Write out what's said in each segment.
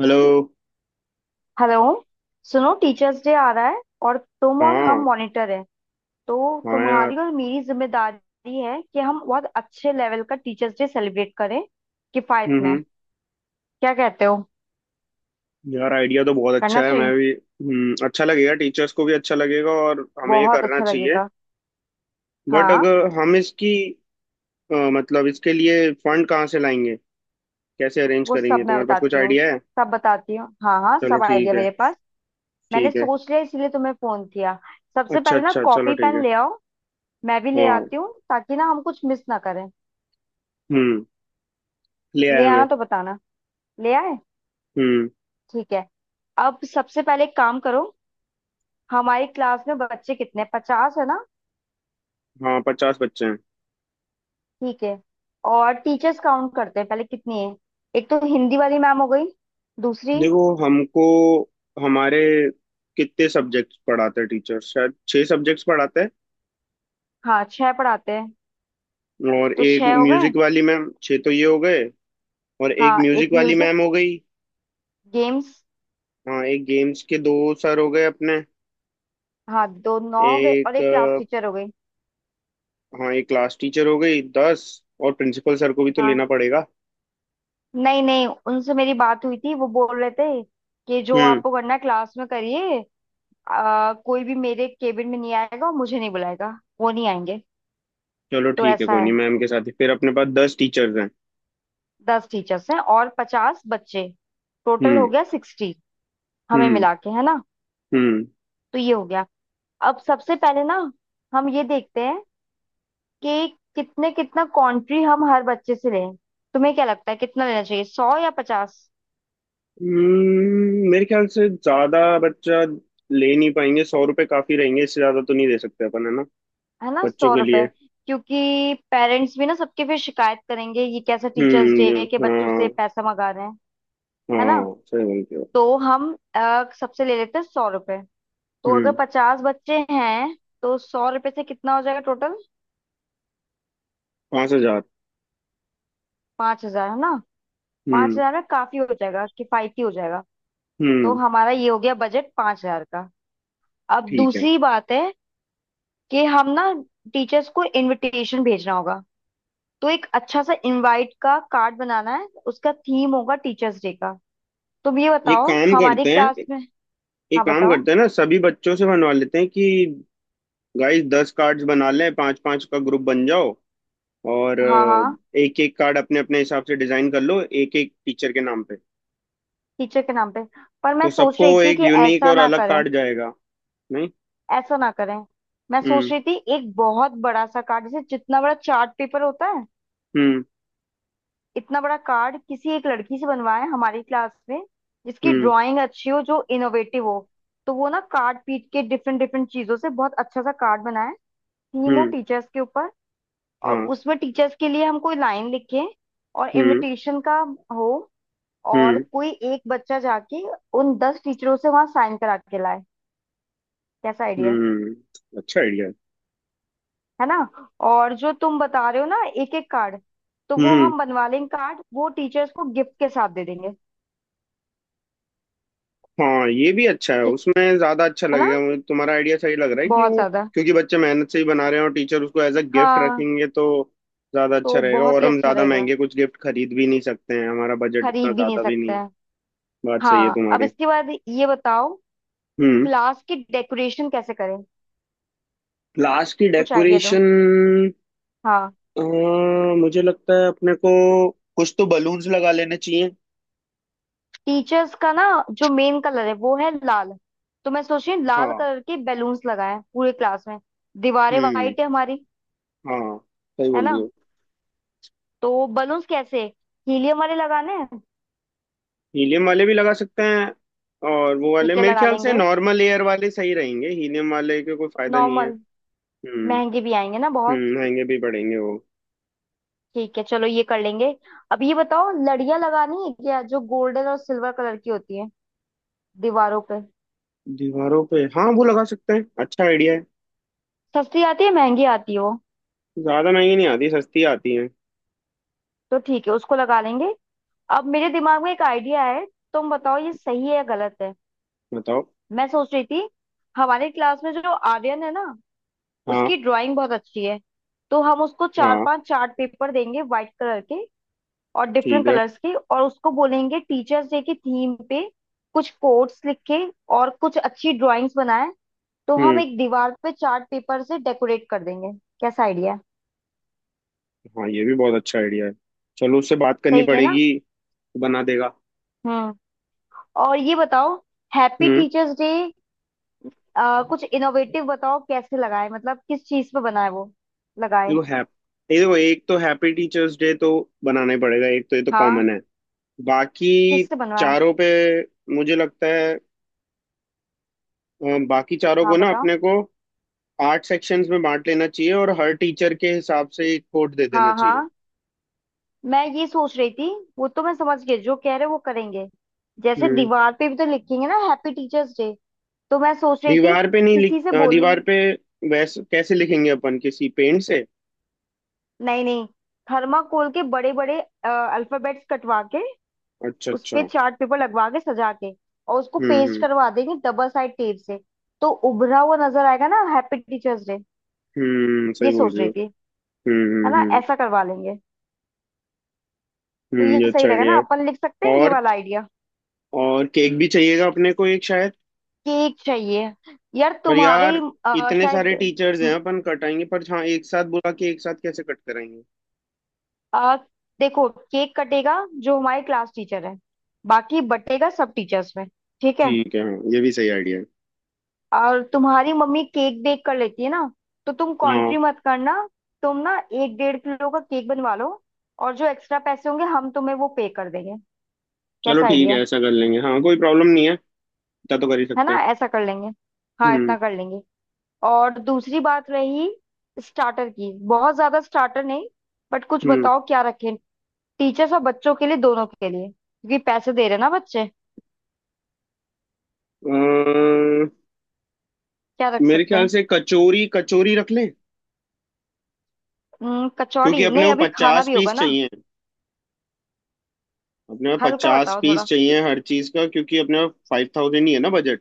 Hello. Hello. सुनो, teachers day आ रहा है और तुम और हम हाँ। मॉनिटर हैं। तो हाँ यार। तुम्हारी और मेरी जिम्मेदारी है कि हम बहुत अच्छे लेवल का टीचर्स डे सेलिब्रेट करें किफायत में। हम्म क्या कहते हो? यार, आइडिया तो बहुत करना अच्छा है। मैं चाहिए। भी अच्छा लगेगा, टीचर्स को भी अच्छा लगेगा और हमें ये बहुत करना अच्छा चाहिए। लगेगा। बट हाँ। अगर हम इसकी मतलब इसके लिए फंड कहाँ से लाएंगे? कैसे अरेंज वो करेंगे? सब मैं तुम्हारे पास कुछ बताती हूँ। आइडिया है? सब बताती हूँ। हाँ हाँ, चलो सब ठीक आइडिया है। मेरे पास। मैंने ठीक है। सोच लिया इसीलिए तुम्हें फोन किया। सबसे अच्छा पहले ना अच्छा, चलो कॉपी ठीक पेन है। ले आओ। मैं भी ले हाँ। आती हूँ ताकि ना हम कुछ मिस ना करें। हम्म। ले ले आया मैं। आना तो बताना। ले आए? हम्म। ठीक है। अब सबसे पहले एक काम करो। हमारी क्लास में बच्चे कितने? 50 है ना? हाँ, 50 बच्चे हैं। ठीक है। और टीचर्स काउंट करते हैं, पहले कितनी है? एक तो हिंदी वाली मैम हो गई, दूसरी। देखो हमको हमारे कितने सब्जेक्ट्स पढ़ाते हैं टीचर? शायद छः सब्जेक्ट्स पढ़ाते हैं। हाँ, छह पढ़ाते हैं। और तो एक छह हो गए। म्यूजिक वाली मैम, छह तो ये हो गए। और एक हाँ, एक म्यूजिक वाली म्यूजिक, मैम हो गई। गेम्स। हाँ, एक गेम्स के दो सर हो गए अपने। हाँ, दो, नौ हो गए, एक और एक क्लास टीचर हो गई। हाँ, एक क्लास टीचर हो गई, 10। और प्रिंसिपल सर को भी तो लेना हाँ। पड़ेगा। नहीं नहीं, उनसे मेरी बात हुई थी। वो बोल रहे थे कि जो हम्म। आपको करना है क्लास में करिए। कोई भी मेरे केबिन में नहीं आएगा और मुझे नहीं बुलाएगा। वो नहीं आएंगे। चलो तो ठीक है, ऐसा कोई नहीं, है, मैम के साथ ही फिर अपने पास 10 टीचर्स हैं। 10 टीचर्स हैं और 50 बच्चे। टोटल हो हम्म। गया 60। हमें हम्म। मिला के, है ना? हम्म। तो ये हो गया। अब सबसे पहले ना हम ये देखते हैं कि कितने कितना कंट्री हम हर बच्चे से लें। तुम्हें क्या लगता है, कितना लेना चाहिए, 100 या 50? मेरे ख्याल से ज्यादा बच्चा ले नहीं पाएंगे। 100 रुपये काफी रहेंगे, इससे ज्यादा तो नहीं दे सकते अपन, है ना? है ना? बच्चों सौ के लिए। रुपए क्योंकि पेरेंट्स भी ना सबके फिर शिकायत करेंगे, ये कैसा टीचर्स डे हम्म, है कि बच्चों हाँ। से पैसा मंगा रहे हैं। है ना? हाँ सही बोलते हो। तो हम सबसे ले लेते हैं ₹100। तो अगर हम्म। 50 बच्चे हैं तो ₹100 से कितना हो जाएगा टोटल? 5,000। 5,000, है ना? पांच हम्म। हजार में काफी हो जाएगा, किफायती हो जाएगा। तो हम्म। हमारा ये हो गया बजट 5,000 का। अब ठीक है। दूसरी बात है कि हम ना टीचर्स को इनविटेशन भेजना होगा। तो एक अच्छा सा इनवाइट का कार्ड बनाना है। उसका थीम होगा टीचर्स डे का। तुम ये एक बताओ काम हमारी करते हैं, क्लास में। एक हाँ काम बताओ। करते हैं ना, सभी बच्चों से बनवा लेते हैं कि गाइस, 10 कार्ड्स बना लें, पांच पांच का ग्रुप बन जाओ। और हाँ हाँ, एक एक कार्ड अपने अपने हिसाब से डिजाइन कर लो, एक एक टीचर के नाम पे। टीचर के नाम पे। पर मैं तो सोच सबको रही थी एक कि यूनिक ऐसा और ना अलग करें। कार्ड जाएगा। नहीं। ऐसा ना करें। मैं सोच हम्म। रही थी एक बहुत बड़ा सा कार्ड, जैसे जितना बड़ा चार्ट पेपर होता है, हम्म। इतना बड़ा कार्ड किसी एक लड़की से बनवाएं हमारी क्लास में, जिसकी हम्म। ड्राइंग अच्छी हो, जो इनोवेटिव हो। तो वो ना कार्ड पीट के डिफरेंट डिफरेंट चीजों से बहुत अच्छा सा कार्ड बनाए। थीम हो हम्म। टीचर्स के ऊपर, और हाँ। उसमें टीचर्स के लिए हम कोई लाइन लिखें और हम्म। इनविटेशन का हो। और हम्म। कोई एक बच्चा जाके उन 10 टीचरों से वहां साइन करा के लाए। कैसा आइडिया है? हम्म। अच्छा आइडिया। है ना? और जो तुम बता रहे हो ना, एक एक कार्ड, तो वो हम्म। हम बनवा लेंगे कार्ड, वो टीचर्स को गिफ्ट के साथ दे देंगे। हाँ ये भी अच्छा है, ठीक उसमें ज्यादा अच्छा है ना? लगेगा। मुझे तुम्हारा आइडिया सही लग रहा है कि बहुत वो ज्यादा। क्योंकि बच्चे मेहनत से ही बना रहे हैं और टीचर उसको एज अ गिफ्ट हाँ, रखेंगे, तो ज्यादा अच्छा तो रहेगा। बहुत और ही हम अच्छा ज्यादा रहेगा। महंगे कुछ गिफ्ट खरीद भी नहीं सकते हैं, हमारा बजट इतना खरीद भी नहीं ज्यादा भी नहीं सकते है। हैं। बात सही है हाँ, अब तुम्हारी। इसके बाद ये बताओ, हम्म। क्लास की डेकोरेशन कैसे करें? लास्ट की कुछ आइडिया दो। डेकोरेशन। हाँ, मुझे लगता है अपने को कुछ तो बलून्स लगा लेने चाहिए। टीचर्स का ना जो मेन कलर है वो है लाल। तो मैं सोच रही हूँ लाल हाँ। कलर के बैलून्स लगाएं पूरे क्लास में। दीवारें हम्म। वाइट है हमारी, हाँ सही है बोल ना? रही हो। तो बलून्स कैसे, हीलियम वाले लगाने हैं? हीलियम वाले भी लगा सकते हैं, और वो वाले ठीक है, मेरे लगा ख्याल से लेंगे नॉर्मल एयर वाले सही रहेंगे, हीलियम वाले के कोई फायदा नहीं है। नॉर्मल। हम्म। महंगे भी आएंगे ना बहुत। हम्म, महंगे भी पड़ेंगे वो। ठीक है, चलो ये कर लेंगे। अब ये बताओ, लड़ियां लगानी है क्या, जो गोल्डन और सिल्वर कलर की होती है, दीवारों पे। दीवारों पे हाँ वो लगा सकते हैं, अच्छा आइडिया है। सस्ती आती है, महंगी आती है वो? ज्यादा महंगी नहीं आती, सस्ती आती है। तो ठीक है, उसको लगा लेंगे। अब मेरे दिमाग में एक आइडिया है। तुम बताओ ये सही है या गलत है। बताओ। मैं सोच रही थी, हमारे क्लास में जो आर्यन है ना, हाँ। उसकी ड्राइंग बहुत अच्छी है। तो हम उसको चार हाँ पांच चार्ट पेपर देंगे, व्हाइट कलर के और डिफरेंट ठीक है। कलर्स के, और उसको बोलेंगे टीचर्स डे की थीम पे कुछ कोट्स लिखे और कुछ अच्छी ड्राइंग्स बनाए। तो हम हम्म। एक दीवार पे चार्ट पेपर से डेकोरेट कर देंगे। कैसा आइडिया? हाँ ये भी बहुत अच्छा आइडिया है। चलो उससे बात करनी सही है ना? पड़ेगी। बना देगा। हम्म। और ये बताओ, हैप्पी हम्म। टीचर्स डे, कुछ इनोवेटिव बताओ, कैसे लगाए, मतलब किस चीज पे बनाए, वो लगाए। देखो हैप ये देखो, एक तो हैप्पी टीचर्स डे तो बनाना ही पड़ेगा, एक तो ये तो हाँ, कॉमन है। बाकी किससे बनवाए? चारों पे मुझे लगता है बाकी चारों हाँ को ना बताओ। अपने को आठ सेक्शंस में बांट लेना चाहिए और हर टीचर के हिसाब से एक कोड दे देना हाँ चाहिए। हाँ, मैं ये सोच रही थी, वो तो मैं समझ गई जो कह रहे हो वो करेंगे। जैसे हम्म। दीवार पे भी तो लिखेंगे ना हैप्पी टीचर्स डे, तो मैं सोच रही थी दीवार पे नहीं लिख किसी से अ, बोलूं। दीवार पे वैसे कैसे लिखेंगे अपन? किसी पेंट से? नहीं नहीं, थर्माकोल के बड़े बड़े अल्फाबेट्स कटवा के, अच्छा उस पे अच्छा। चार्ट पेपर लगवा के, सजा के, और उसको हम्म। पेस्ट हम्म। करवा देंगे डबल साइड टेप से। तो उभरा हुआ नजर आएगा ना हैप्पी टीचर्स डे। सही ये बोल सोच रही हो। रही थी। हम्म। हम्म। है ना? हम्म। ऐसा करवा लेंगे। तो ये ये सही अच्छा रहेगा आइडिया ना, है। अपन लिख सकते हैं ये और वाला आइडिया। और केक भी चाहिएगा अपने को एक शायद। केक चाहिए। यार पर तुम्हारे यार, इतने शायद सारे टीचर्स हैं म, अपन कटाएंगे, पर हाँ एक साथ बुला के एक साथ कैसे कट कराएंगे? अ, देखो, केक कटेगा जो हमारे क्लास टीचर है, बाकी बटेगा सब टीचर्स में। ठीक है। ठीक है, हाँ ये भी सही आइडिया है। और तुम्हारी मम्मी केक बेक कर लेती है ना, तो तुम हाँ कंट्री मत करना। तुम ना एक 1.5 किलो का केक बनवा लो, और जो एक्स्ट्रा पैसे होंगे हम तुम्हें वो पे कर देंगे। चलो कैसा ठीक आइडिया है, है? ऐसा कर लेंगे, हाँ कोई प्रॉब्लम नहीं है, इतना तो कर ही है सकते ना? हैं। ऐसा कर लेंगे। हाँ, हम्म। इतना कर लेंगे। और दूसरी बात रही स्टार्टर की, बहुत ज्यादा स्टार्टर नहीं, बट कुछ हम्म बताओ क्या रखें, टीचर्स और बच्चों के लिए, दोनों के लिए, क्योंकि पैसे दे रहे हैं ना बच्चे। अ, क्या रख मेरे सकते ख्याल हैं? से कचौरी कचौरी रख लें। क्योंकि कचौड़ी अपने नहीं, को अभी खाना पचास भी होगा पीस ना। चाहिए, अपने को हल्का पचास बताओ पीस थोड़ा। चाहिए हर चीज का, क्योंकि अपने 5,000 ही है ना बजट।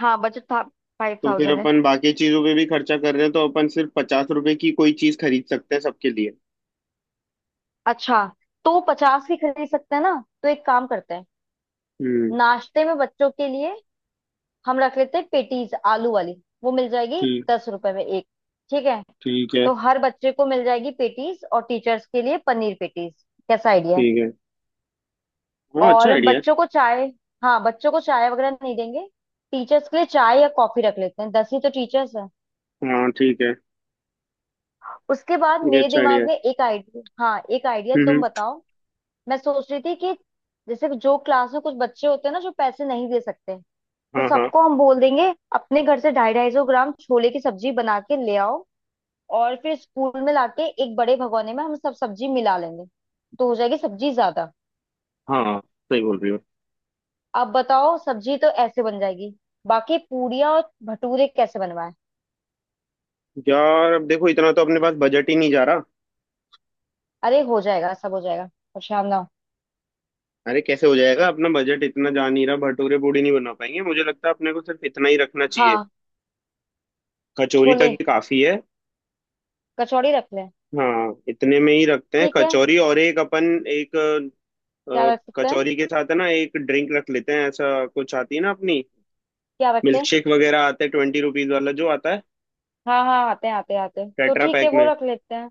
हाँ, बजट था फाइव तो फिर थाउजेंड अपन बाकी चीजों पे भी खर्चा कर रहे हैं, तो अपन सिर्फ 50 रुपए की कोई चीज खरीद सकते हैं सबके लिए। अच्छा, तो 50 की खरीद सकते हैं ना? तो एक काम करते हैं, हम्म। नाश्ते में बच्चों के लिए हम रख लेते हैं पेटीज आलू वाली, वो मिल जाएगी ठीक। ₹10 में एक। ठीक है। ठीक है। तो हर बच्चे को मिल जाएगी पेटीज, और टीचर्स के लिए पनीर पेटीज। कैसा आइडिया है? ठीक है, हाँ अच्छा और आइडिया बच्चों को चाय? हाँ, बच्चों को चाय वगैरह नहीं देंगे। टीचर्स के लिए चाय या कॉफी रख लेते हैं, 10 ही तो टीचर्स हैं। है। हाँ ठीक है, उसके बाद ये मेरे अच्छा आइडिया दिमाग है। में एक आइडिया, हाँ, एक आइडिया, हम्म हम्म, तुम बताओ। मैं सोच रही थी कि जैसे जो क्लास में कुछ बच्चे होते हैं ना जो पैसे नहीं दे सकते, तो हाँ। हाँ। सबको हम बोल देंगे अपने घर से 250-250 ग्राम छोले की सब्जी बना के ले आओ, और फिर स्कूल में लाके एक बड़े भगोने में हम सब सब्जी मिला लेंगे। तो हो जाएगी सब्जी ज्यादा। हाँ सही बोल रही हो। अब बताओ, सब्जी तो ऐसे बन जाएगी, बाकी पूड़ियाँ और भटूरे कैसे बनवाए? यार अब देखो इतना तो अपने पास बजट ही नहीं जा रहा। अरे हो जाएगा, सब हो जाएगा। परेशान ना हो। अरे कैसे हो जाएगा? अपना बजट इतना जा नहीं रहा, भटूरे पूड़ी नहीं बना पाएंगे, मुझे लगता है अपने को सिर्फ इतना ही रखना चाहिए। हाँ, कचौरी छोले तक ही काफी है। कचौड़ी रख लें। हाँ इतने में ही रखते हैं ठीक है। कचौरी। और एक अपन एक क्या रख सकते हैं, कचौरी के साथ है ना एक ड्रिंक रख लेते हैं, ऐसा कुछ आती है ना अपनी। क्या मिल्क रखें? शेक वगैरह आते हैं, 20 रुपीज वाला जो आता है हाँ हाँ, आते हैं आते हैं आते हैं, तो टेट्रा ठीक है, पैक वो में। रख लेते हैं।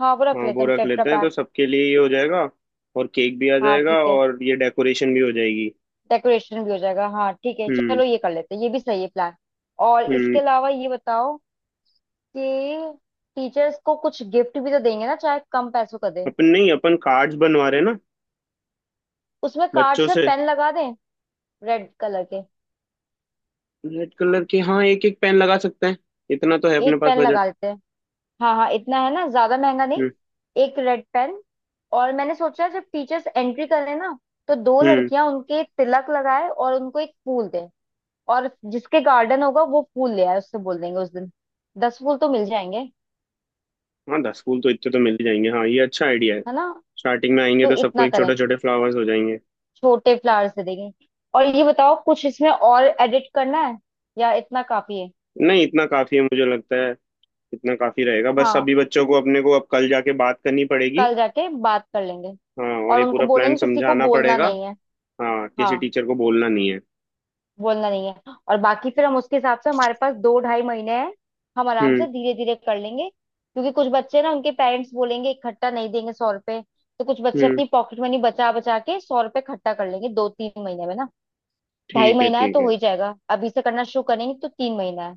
हाँ, वो रख हाँ लेते वो हैं रख टेट्रा लेते हैं, पैक। तो सबके लिए ये हो जाएगा। और केक भी आ हाँ, जाएगा ठीक है। और ये डेकोरेशन भी हो जाएगी। डेकोरेशन भी हो जाएगा। हाँ, ठीक है, हम्म। चलो ये कर लेते हैं, ये भी सही है प्लान। और हम्म। इसके अलावा ये बताओ कि टीचर्स को कुछ गिफ्ट भी तो देंगे ना, चाहे कम पैसों का दें। अपन नहीं, अपन कार्ड्स बनवा रहे हैं ना उसमें बच्चों कार्ड्स में से। पेन लगा दें, रेड कलर के। रेड कलर के, हाँ एक एक पेन लगा सकते हैं, इतना तो है अपने एक पास पेन बजट। लगा देते हैं। हाँ हाँ, इतना है ना, ज्यादा महंगा नहीं। हम्म। एक रेड पेन। और मैंने सोचा, जब टीचर्स एंट्री करें ना, तो दो हम्म। लड़कियां उनके तिलक लगाए और उनको एक फूल दें। और जिसके गार्डन होगा वो फूल ले आए, उससे बोल देंगे उस दिन। 10 फूल तो मिल जाएंगे। हाँ 10 फूल तो इतने तो मिल ही जाएंगे, हाँ ये अच्छा आइडिया है। है ना? स्टार्टिंग में आएंगे तो तो सबको इतना एक करें, छोटे छोटे फ्लावर्स हो जाएंगे। छोटे फ्लावर्स दे देंगे। और ये बताओ, कुछ इसमें और एडिट करना है, या इतना काफी है? नहीं इतना काफी है मुझे लगता है, इतना काफी रहेगा, बस हाँ, सभी बच्चों को अपने को अब कल जाके बात करनी पड़ेगी। कल जाके बात कर लेंगे। हाँ और और ये उनको पूरा प्लान बोलेंगे किसी को समझाना बोलना पड़ेगा। नहीं है। हाँ किसी हाँ, टीचर को बोलना नहीं है। बोलना नहीं है, और बाकी फिर हम उसके हिसाब से, हमारे पास 2-2.5 महीने हैं। हम आराम हम्म। से धीरे धीरे कर लेंगे, क्योंकि कुछ बच्चे ना उनके पेरेंट्स बोलेंगे इकट्ठा नहीं देंगे ₹100। तो कुछ बच्चे हम्म। अपनी पॉकेट मनी बचा बचा के ₹100 इकट्ठा कर लेंगे 2-3 महीने में ना। ढाई ठीक है। महीना है ठीक तो हो है। ही जाएगा, अभी से करना शुरू करेंगे तो 3 महीना है।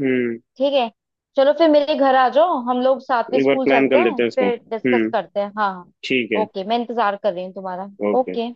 हम्म। ठीक है। चलो फिर मेरे घर आ जाओ, हम लोग साथ में एक बार स्कूल प्लान कर चलते लेते हैं, हैं इसको। फिर डिस्कस हम्म। करते हैं। हाँ हाँ। ठीक है। ओके, मैं इंतजार कर रही हूँ तुम्हारा। ओके। ओके।